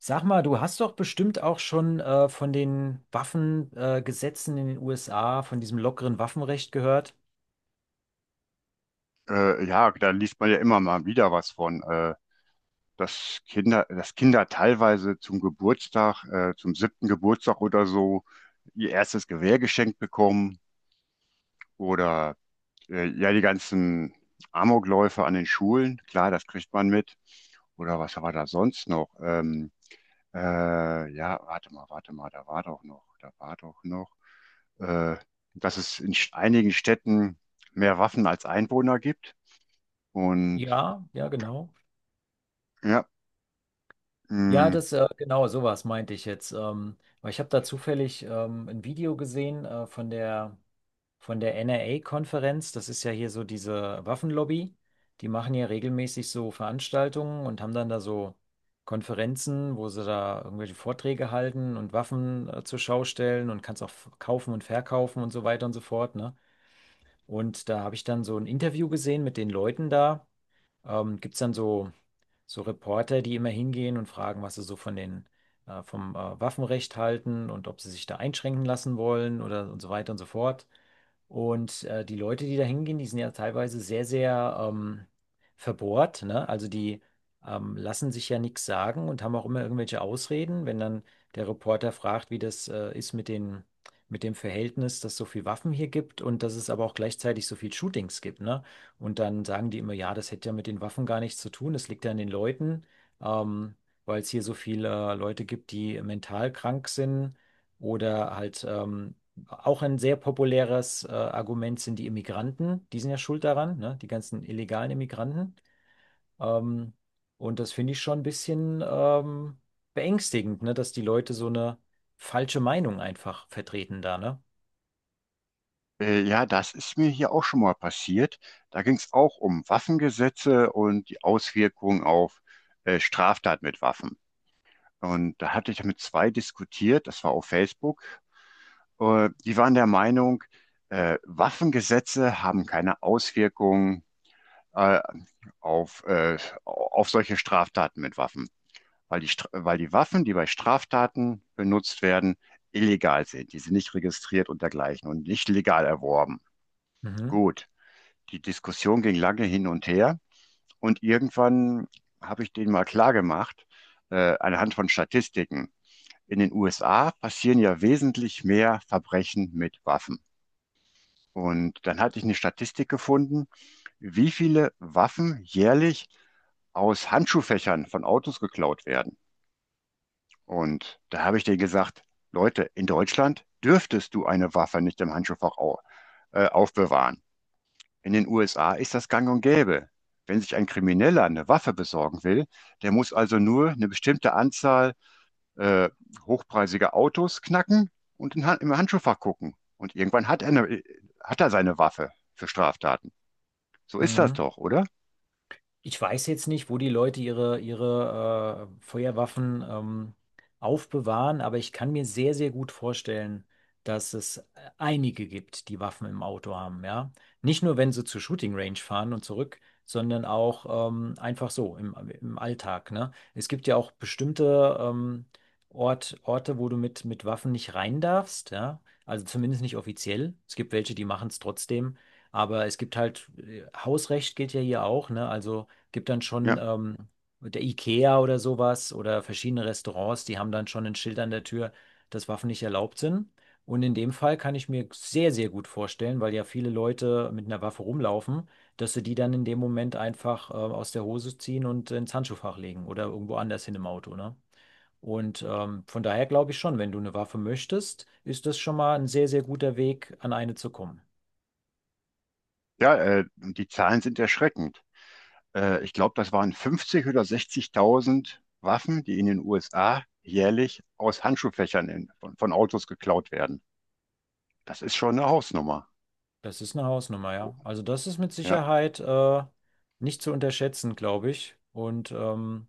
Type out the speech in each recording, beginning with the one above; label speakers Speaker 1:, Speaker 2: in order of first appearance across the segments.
Speaker 1: Sag mal, du hast doch bestimmt auch schon von den Waffengesetzen Gesetzen in den USA, von diesem lockeren Waffenrecht gehört.
Speaker 2: Ja, da liest man ja immer mal wieder was von, dass Kinder teilweise zum Geburtstag, zum siebten Geburtstag oder so, ihr erstes Gewehr geschenkt bekommen oder ja, die ganzen Amokläufe an den Schulen, klar, das kriegt man mit. Oder was war da sonst noch? Ja, warte mal, da war doch noch, äh, dass es in einigen Städten mehr Waffen als Einwohner gibt und
Speaker 1: Ja, ja, genau.
Speaker 2: ja,
Speaker 1: Ja,
Speaker 2: hm.
Speaker 1: das genau sowas meinte ich jetzt. Weil ich habe da zufällig ein Video gesehen von der NRA-Konferenz. Das ist ja hier so diese Waffenlobby. Die machen ja regelmäßig so Veranstaltungen und haben dann da so Konferenzen, wo sie da irgendwelche Vorträge halten und Waffen zur Schau stellen und kannst auch kaufen und verkaufen und so weiter und so fort, ne? Und da habe ich dann so ein Interview gesehen mit den Leuten da. Gibt es dann so Reporter, die immer hingehen und fragen, was sie so vom Waffenrecht halten und ob sie sich da einschränken lassen wollen oder und so weiter und so fort. Und die Leute, die da hingehen, die sind ja teilweise sehr, sehr verbohrt, ne? Also die lassen sich ja nichts sagen und haben auch immer irgendwelche Ausreden, wenn dann der Reporter fragt, wie das ist mit den, mit dem Verhältnis, dass es so viel Waffen hier gibt und dass es aber auch gleichzeitig so viel Shootings gibt, ne? Und dann sagen die immer, ja, das hätte ja mit den Waffen gar nichts zu tun, das liegt ja an den Leuten, ähm, weil es hier so viele Leute gibt, die mental krank sind oder halt auch ein sehr populäres Argument sind die Immigranten, die sind ja schuld daran, ne? Die ganzen illegalen Immigranten. Ähm, und das finde ich schon ein bisschen beängstigend, ne? Dass die Leute so eine falsche Meinung einfach vertreten da, ne?
Speaker 2: Ja, das ist mir hier auch schon mal passiert. Da ging es auch um Waffengesetze und die Auswirkungen auf Straftat mit Waffen. Und da hatte ich mit zwei diskutiert, das war auf Facebook. Die waren der Meinung, Waffengesetze haben keine Auswirkungen äh, auf, äh, auf solche Straftaten mit Waffen, weil weil die Waffen, die bei Straftaten benutzt werden, illegal sind. Die sind nicht registriert und dergleichen und nicht legal erworben.
Speaker 1: Mhm.
Speaker 2: Gut, die Diskussion ging lange hin und her und irgendwann habe ich denen mal klargemacht, anhand von Statistiken. In den USA passieren ja wesentlich mehr Verbrechen mit Waffen. Und dann hatte ich eine Statistik gefunden, wie viele Waffen jährlich aus Handschuhfächern von Autos geklaut werden. Und da habe ich denen gesagt, Leute, in Deutschland dürftest du eine Waffe nicht im Handschuhfach au aufbewahren. In den USA ist das gang und gäbe. Wenn sich ein Krimineller eine Waffe besorgen will, der muss also nur eine bestimmte Anzahl äh, hochpreisiger Autos knacken und im Handschuhfach gucken. Und irgendwann hat er seine Waffe für Straftaten. So ist das
Speaker 1: Mhm.
Speaker 2: doch, oder?
Speaker 1: Ich weiß jetzt nicht, wo die Leute ihre Feuerwaffen aufbewahren, aber ich kann mir sehr, sehr gut vorstellen, dass es einige gibt, die Waffen im Auto haben, ja. Nicht nur, wenn sie zur Shooting Range fahren und zurück, sondern auch einfach im Alltag, ne? Es gibt ja auch bestimmte Orte, wo du mit Waffen nicht rein darfst, ja. Also zumindest nicht offiziell. Es gibt welche, die machen es trotzdem. Aber es gibt halt, Hausrecht gilt ja hier auch, ne? Also gibt dann schon
Speaker 2: Ja,
Speaker 1: ähm, mit der IKEA oder sowas oder verschiedene Restaurants, die haben dann schon ein Schild an der Tür, dass Waffen nicht erlaubt sind. Und in dem Fall kann ich mir sehr, sehr gut vorstellen, weil ja viele Leute mit einer Waffe rumlaufen, dass sie die dann in dem Moment einfach aus der Hose ziehen und ins Handschuhfach legen oder irgendwo anders hin im Auto, ne? Und von daher glaube ich schon, wenn du eine Waffe möchtest, ist das schon mal ein sehr, sehr guter Weg, an eine zu kommen.
Speaker 2: ja, die Zahlen sind erschreckend. Ich glaube, das waren 50 oder 60.000 Waffen, die in den USA jährlich aus Handschuhfächern von Autos geklaut werden. Das ist schon eine Hausnummer.
Speaker 1: Das ist eine Hausnummer,
Speaker 2: Oh,
Speaker 1: ja. Also das ist mit
Speaker 2: ja.
Speaker 1: Sicherheit nicht zu unterschätzen, glaube ich. Und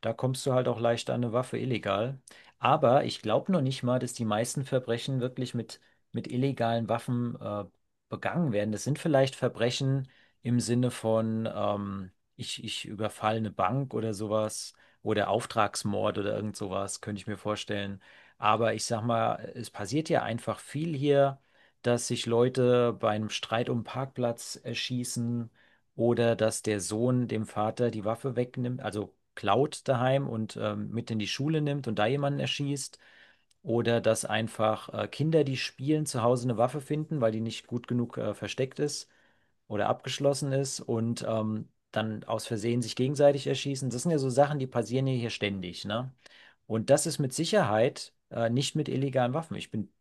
Speaker 1: da kommst du halt auch leicht an eine Waffe illegal. Aber ich glaube noch nicht mal, dass die meisten Verbrechen wirklich mit illegalen Waffen begangen werden. Das sind vielleicht Verbrechen im Sinne von, ich überfalle eine Bank oder sowas oder Auftragsmord oder irgend sowas, könnte ich mir vorstellen. Aber ich sag mal, es passiert ja einfach viel hier, dass sich Leute bei einem Streit um einen Parkplatz erschießen oder dass der Sohn dem Vater die Waffe wegnimmt, also klaut daheim und mit in die Schule nimmt und da jemanden erschießt. Oder dass einfach Kinder, die spielen, zu Hause eine Waffe finden, weil die nicht gut genug versteckt ist oder abgeschlossen ist und dann aus Versehen sich gegenseitig erschießen. Das sind ja so Sachen, die passieren ja hier ständig, ne? Und das ist mit Sicherheit nicht mit illegalen Waffen. Ich bin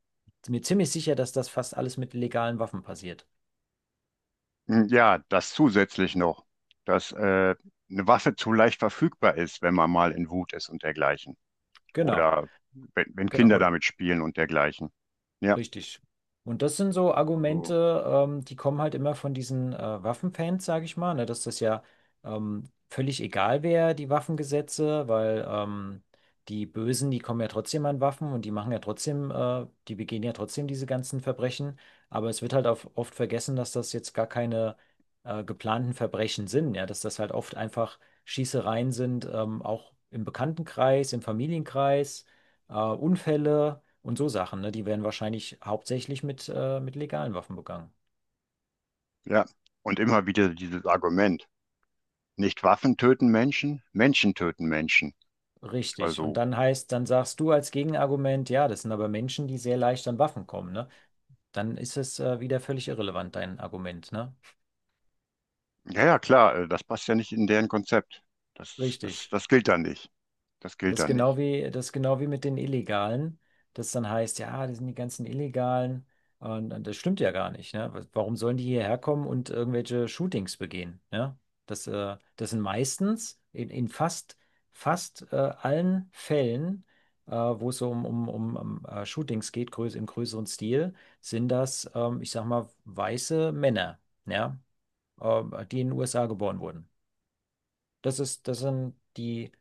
Speaker 1: mir ziemlich sicher, dass das fast alles mit legalen Waffen passiert.
Speaker 2: Hm, ja, das zusätzlich noch, dass eine Waffe zu leicht verfügbar ist, wenn man mal in Wut ist und dergleichen.
Speaker 1: Genau,
Speaker 2: Oder wenn
Speaker 1: genau.
Speaker 2: Kinder
Speaker 1: Oder,
Speaker 2: damit spielen und dergleichen. Ja,
Speaker 1: Richtig. Und das sind so
Speaker 2: also,
Speaker 1: Argumente, die kommen halt immer von diesen Waffenfans, sage ich mal, ne, dass das ja völlig egal wäre, die Waffengesetze, weil die Bösen, die kommen ja trotzdem an Waffen und die machen ja trotzdem, die begehen ja trotzdem diese ganzen Verbrechen. Aber es wird halt auf, oft vergessen, dass das jetzt gar keine geplanten Verbrechen sind, ja, dass das halt oft einfach Schießereien sind, auch im Bekanntenkreis, im Familienkreis, Unfälle und so Sachen, ne? Die werden wahrscheinlich hauptsächlich mit legalen Waffen begangen.
Speaker 2: ja. Und immer wieder dieses Argument: nicht Waffen töten Menschen, Menschen töten Menschen.
Speaker 1: Richtig. Und
Speaker 2: Also,
Speaker 1: dann heißt, dann sagst du als Gegenargument, ja, das sind aber Menschen, die sehr leicht an Waffen kommen, ne? Dann ist es, wieder völlig irrelevant, dein Argument, ne?
Speaker 2: ja, ja, klar, das passt ja nicht in deren Konzept.
Speaker 1: Richtig.
Speaker 2: Das gilt da nicht. Das gilt
Speaker 1: Das ist
Speaker 2: da
Speaker 1: genau
Speaker 2: nicht.
Speaker 1: das ist genau wie mit den Illegalen, das dann heißt, ja, das sind die ganzen Illegalen. Und das stimmt ja gar nicht, ne? Warum sollen die hierher kommen und irgendwelche Shootings begehen, ne? Das sind meistens in fast allen Fällen, wo es so um Shootings geht, größ im größeren Stil, sind das, ich sag mal, weiße Männer, ja, die in den USA geboren wurden. Das ist, das sind die,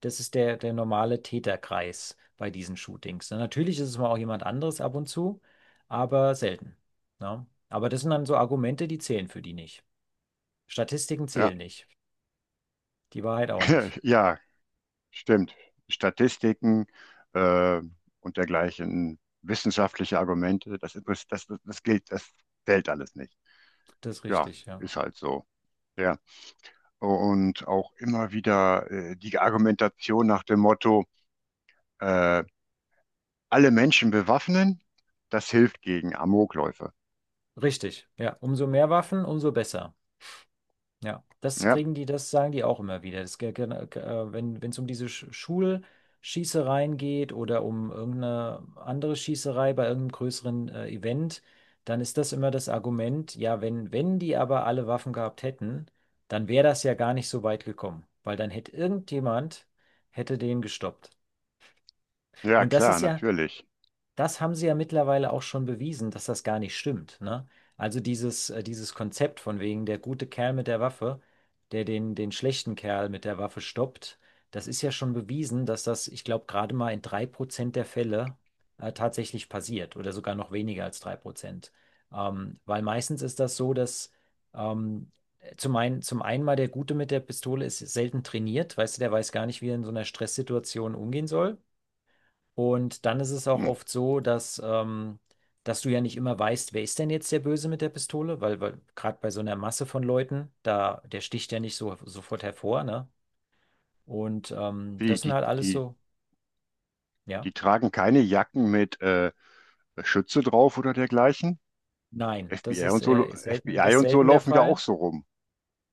Speaker 1: das ist der normale Täterkreis bei diesen Shootings. Und natürlich ist es mal auch jemand anderes ab und zu, aber selten. Ne? Aber das sind dann so Argumente, die zählen für die nicht. Statistiken
Speaker 2: Ja,
Speaker 1: zählen nicht. Die Wahrheit auch nicht.
Speaker 2: ja, stimmt. Statistiken äh, und dergleichen, wissenschaftliche Argumente, das, interess- das, das, das gilt, das zählt alles nicht.
Speaker 1: Das ist
Speaker 2: Ja,
Speaker 1: richtig, ja.
Speaker 2: ist halt so. Ja. Und auch immer wieder die Argumentation nach dem Motto: äh, alle Menschen bewaffnen, das hilft gegen Amokläufe.
Speaker 1: Richtig, ja. Umso mehr Waffen, umso besser. Ja, das
Speaker 2: Ja,
Speaker 1: kriegen die, das sagen die auch immer wieder. Das, wenn es um diese Schulschießereien geht oder um irgendeine andere Schießerei bei irgendeinem größeren Event, dann ist das immer das Argument, ja, wenn die aber alle Waffen gehabt hätten, dann wäre das ja gar nicht so weit gekommen, weil dann hätte irgendjemand, hätte den gestoppt.
Speaker 2: ja,
Speaker 1: Und das
Speaker 2: klar,
Speaker 1: ist ja,
Speaker 2: natürlich.
Speaker 1: das haben sie ja mittlerweile auch schon bewiesen, dass das gar nicht stimmt, ne? Also dieses, dieses Konzept von wegen der gute Kerl mit der Waffe, der den schlechten Kerl mit der Waffe stoppt, das ist ja schon bewiesen, dass das, ich glaube, gerade mal in 3% der Fälle tatsächlich passiert oder sogar noch weniger als 3%. Weil meistens ist das so, dass ähm, zum einen mal der Gute mit der Pistole ist selten trainiert, weißt du, der weiß gar nicht, wie er in so einer Stresssituation umgehen soll. Und dann ist es auch
Speaker 2: Hm.
Speaker 1: oft so, dass, dass du ja nicht immer weißt, wer ist denn jetzt der Böse mit der Pistole, weil gerade bei so einer Masse von Leuten, da, der sticht ja nicht so sofort hervor, ne? Und
Speaker 2: Wie,
Speaker 1: das sind halt alles so, ja.
Speaker 2: die tragen keine Jacken mit Schütze drauf oder dergleichen.
Speaker 1: Nein, das
Speaker 2: FBI und
Speaker 1: ist,
Speaker 2: so, FBI
Speaker 1: selten, das ist
Speaker 2: und so
Speaker 1: selten der
Speaker 2: laufen ja auch
Speaker 1: Fall.
Speaker 2: so rum.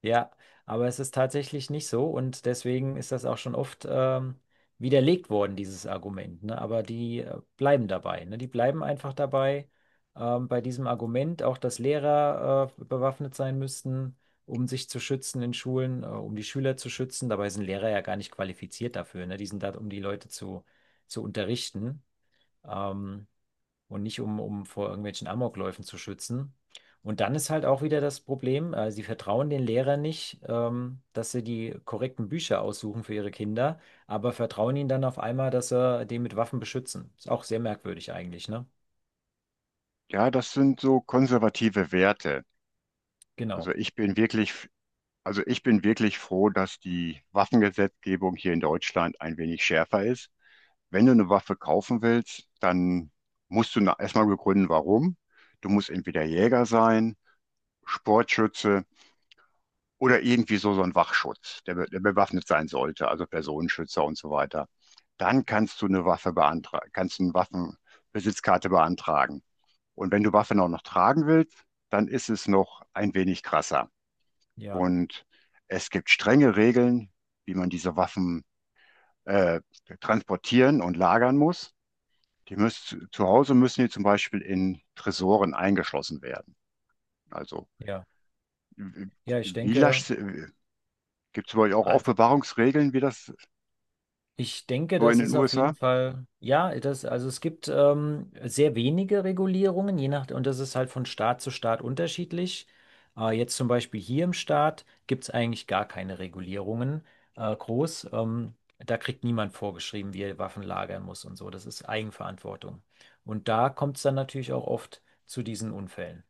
Speaker 1: Ja, aber es ist tatsächlich nicht so und deswegen ist das auch schon oft widerlegt worden, dieses Argument. Ne? Aber die bleiben dabei. Ne? Die bleiben einfach dabei bei diesem Argument, auch dass Lehrer bewaffnet sein müssten, um sich zu schützen in Schulen, um die Schüler zu schützen. Dabei sind Lehrer ja gar nicht qualifiziert dafür. Ne? Die sind da, um die zu unterrichten. Ähm, und nicht um vor irgendwelchen Amokläufen zu schützen. Und dann ist halt auch wieder das Problem, sie vertrauen den Lehrern nicht, dass sie die korrekten Bücher aussuchen für ihre Kinder, aber vertrauen ihnen dann auf einmal, dass sie den mit Waffen beschützen. Ist auch sehr merkwürdig eigentlich, ne?
Speaker 2: Ja, das sind so konservative Werte. Also
Speaker 1: Genau.
Speaker 2: ich bin wirklich, also ich bin wirklich froh, dass die Waffengesetzgebung hier in Deutschland ein wenig schärfer ist. Wenn du eine Waffe kaufen willst, dann musst du erstmal begründen, warum. Du musst entweder Jäger sein, Sportschütze oder irgendwie so ein Wachschutz, der bewaffnet sein sollte, also Personenschützer und so weiter. Dann kannst du eine Waffe beantragen, kannst eine Waffenbesitzkarte beantragen. Und wenn du Waffen auch noch tragen willst, dann ist es noch ein wenig krasser.
Speaker 1: Ja,
Speaker 2: Und es gibt strenge Regeln, wie man diese Waffen äh, transportieren und lagern muss. Zu Hause müssen die zum Beispiel in Tresoren eingeschlossen werden. Also
Speaker 1: ja.
Speaker 2: wie,
Speaker 1: Ja, ich
Speaker 2: wie
Speaker 1: denke,
Speaker 2: lasch, gibt es bei euch auch
Speaker 1: als
Speaker 2: Aufbewahrungsregeln, wie das
Speaker 1: ich denke,
Speaker 2: so in
Speaker 1: das
Speaker 2: den
Speaker 1: ist auf jeden
Speaker 2: USA?
Speaker 1: Fall, ja, das, also es gibt sehr wenige Regulierungen, je nach, und das ist halt von Staat zu Staat unterschiedlich. Jetzt zum Beispiel hier im Staat gibt es eigentlich gar keine Regulierungen groß. Da kriegt niemand vorgeschrieben, wie er Waffen lagern muss und so. Das ist Eigenverantwortung. Und da kommt es dann natürlich auch oft zu diesen Unfällen.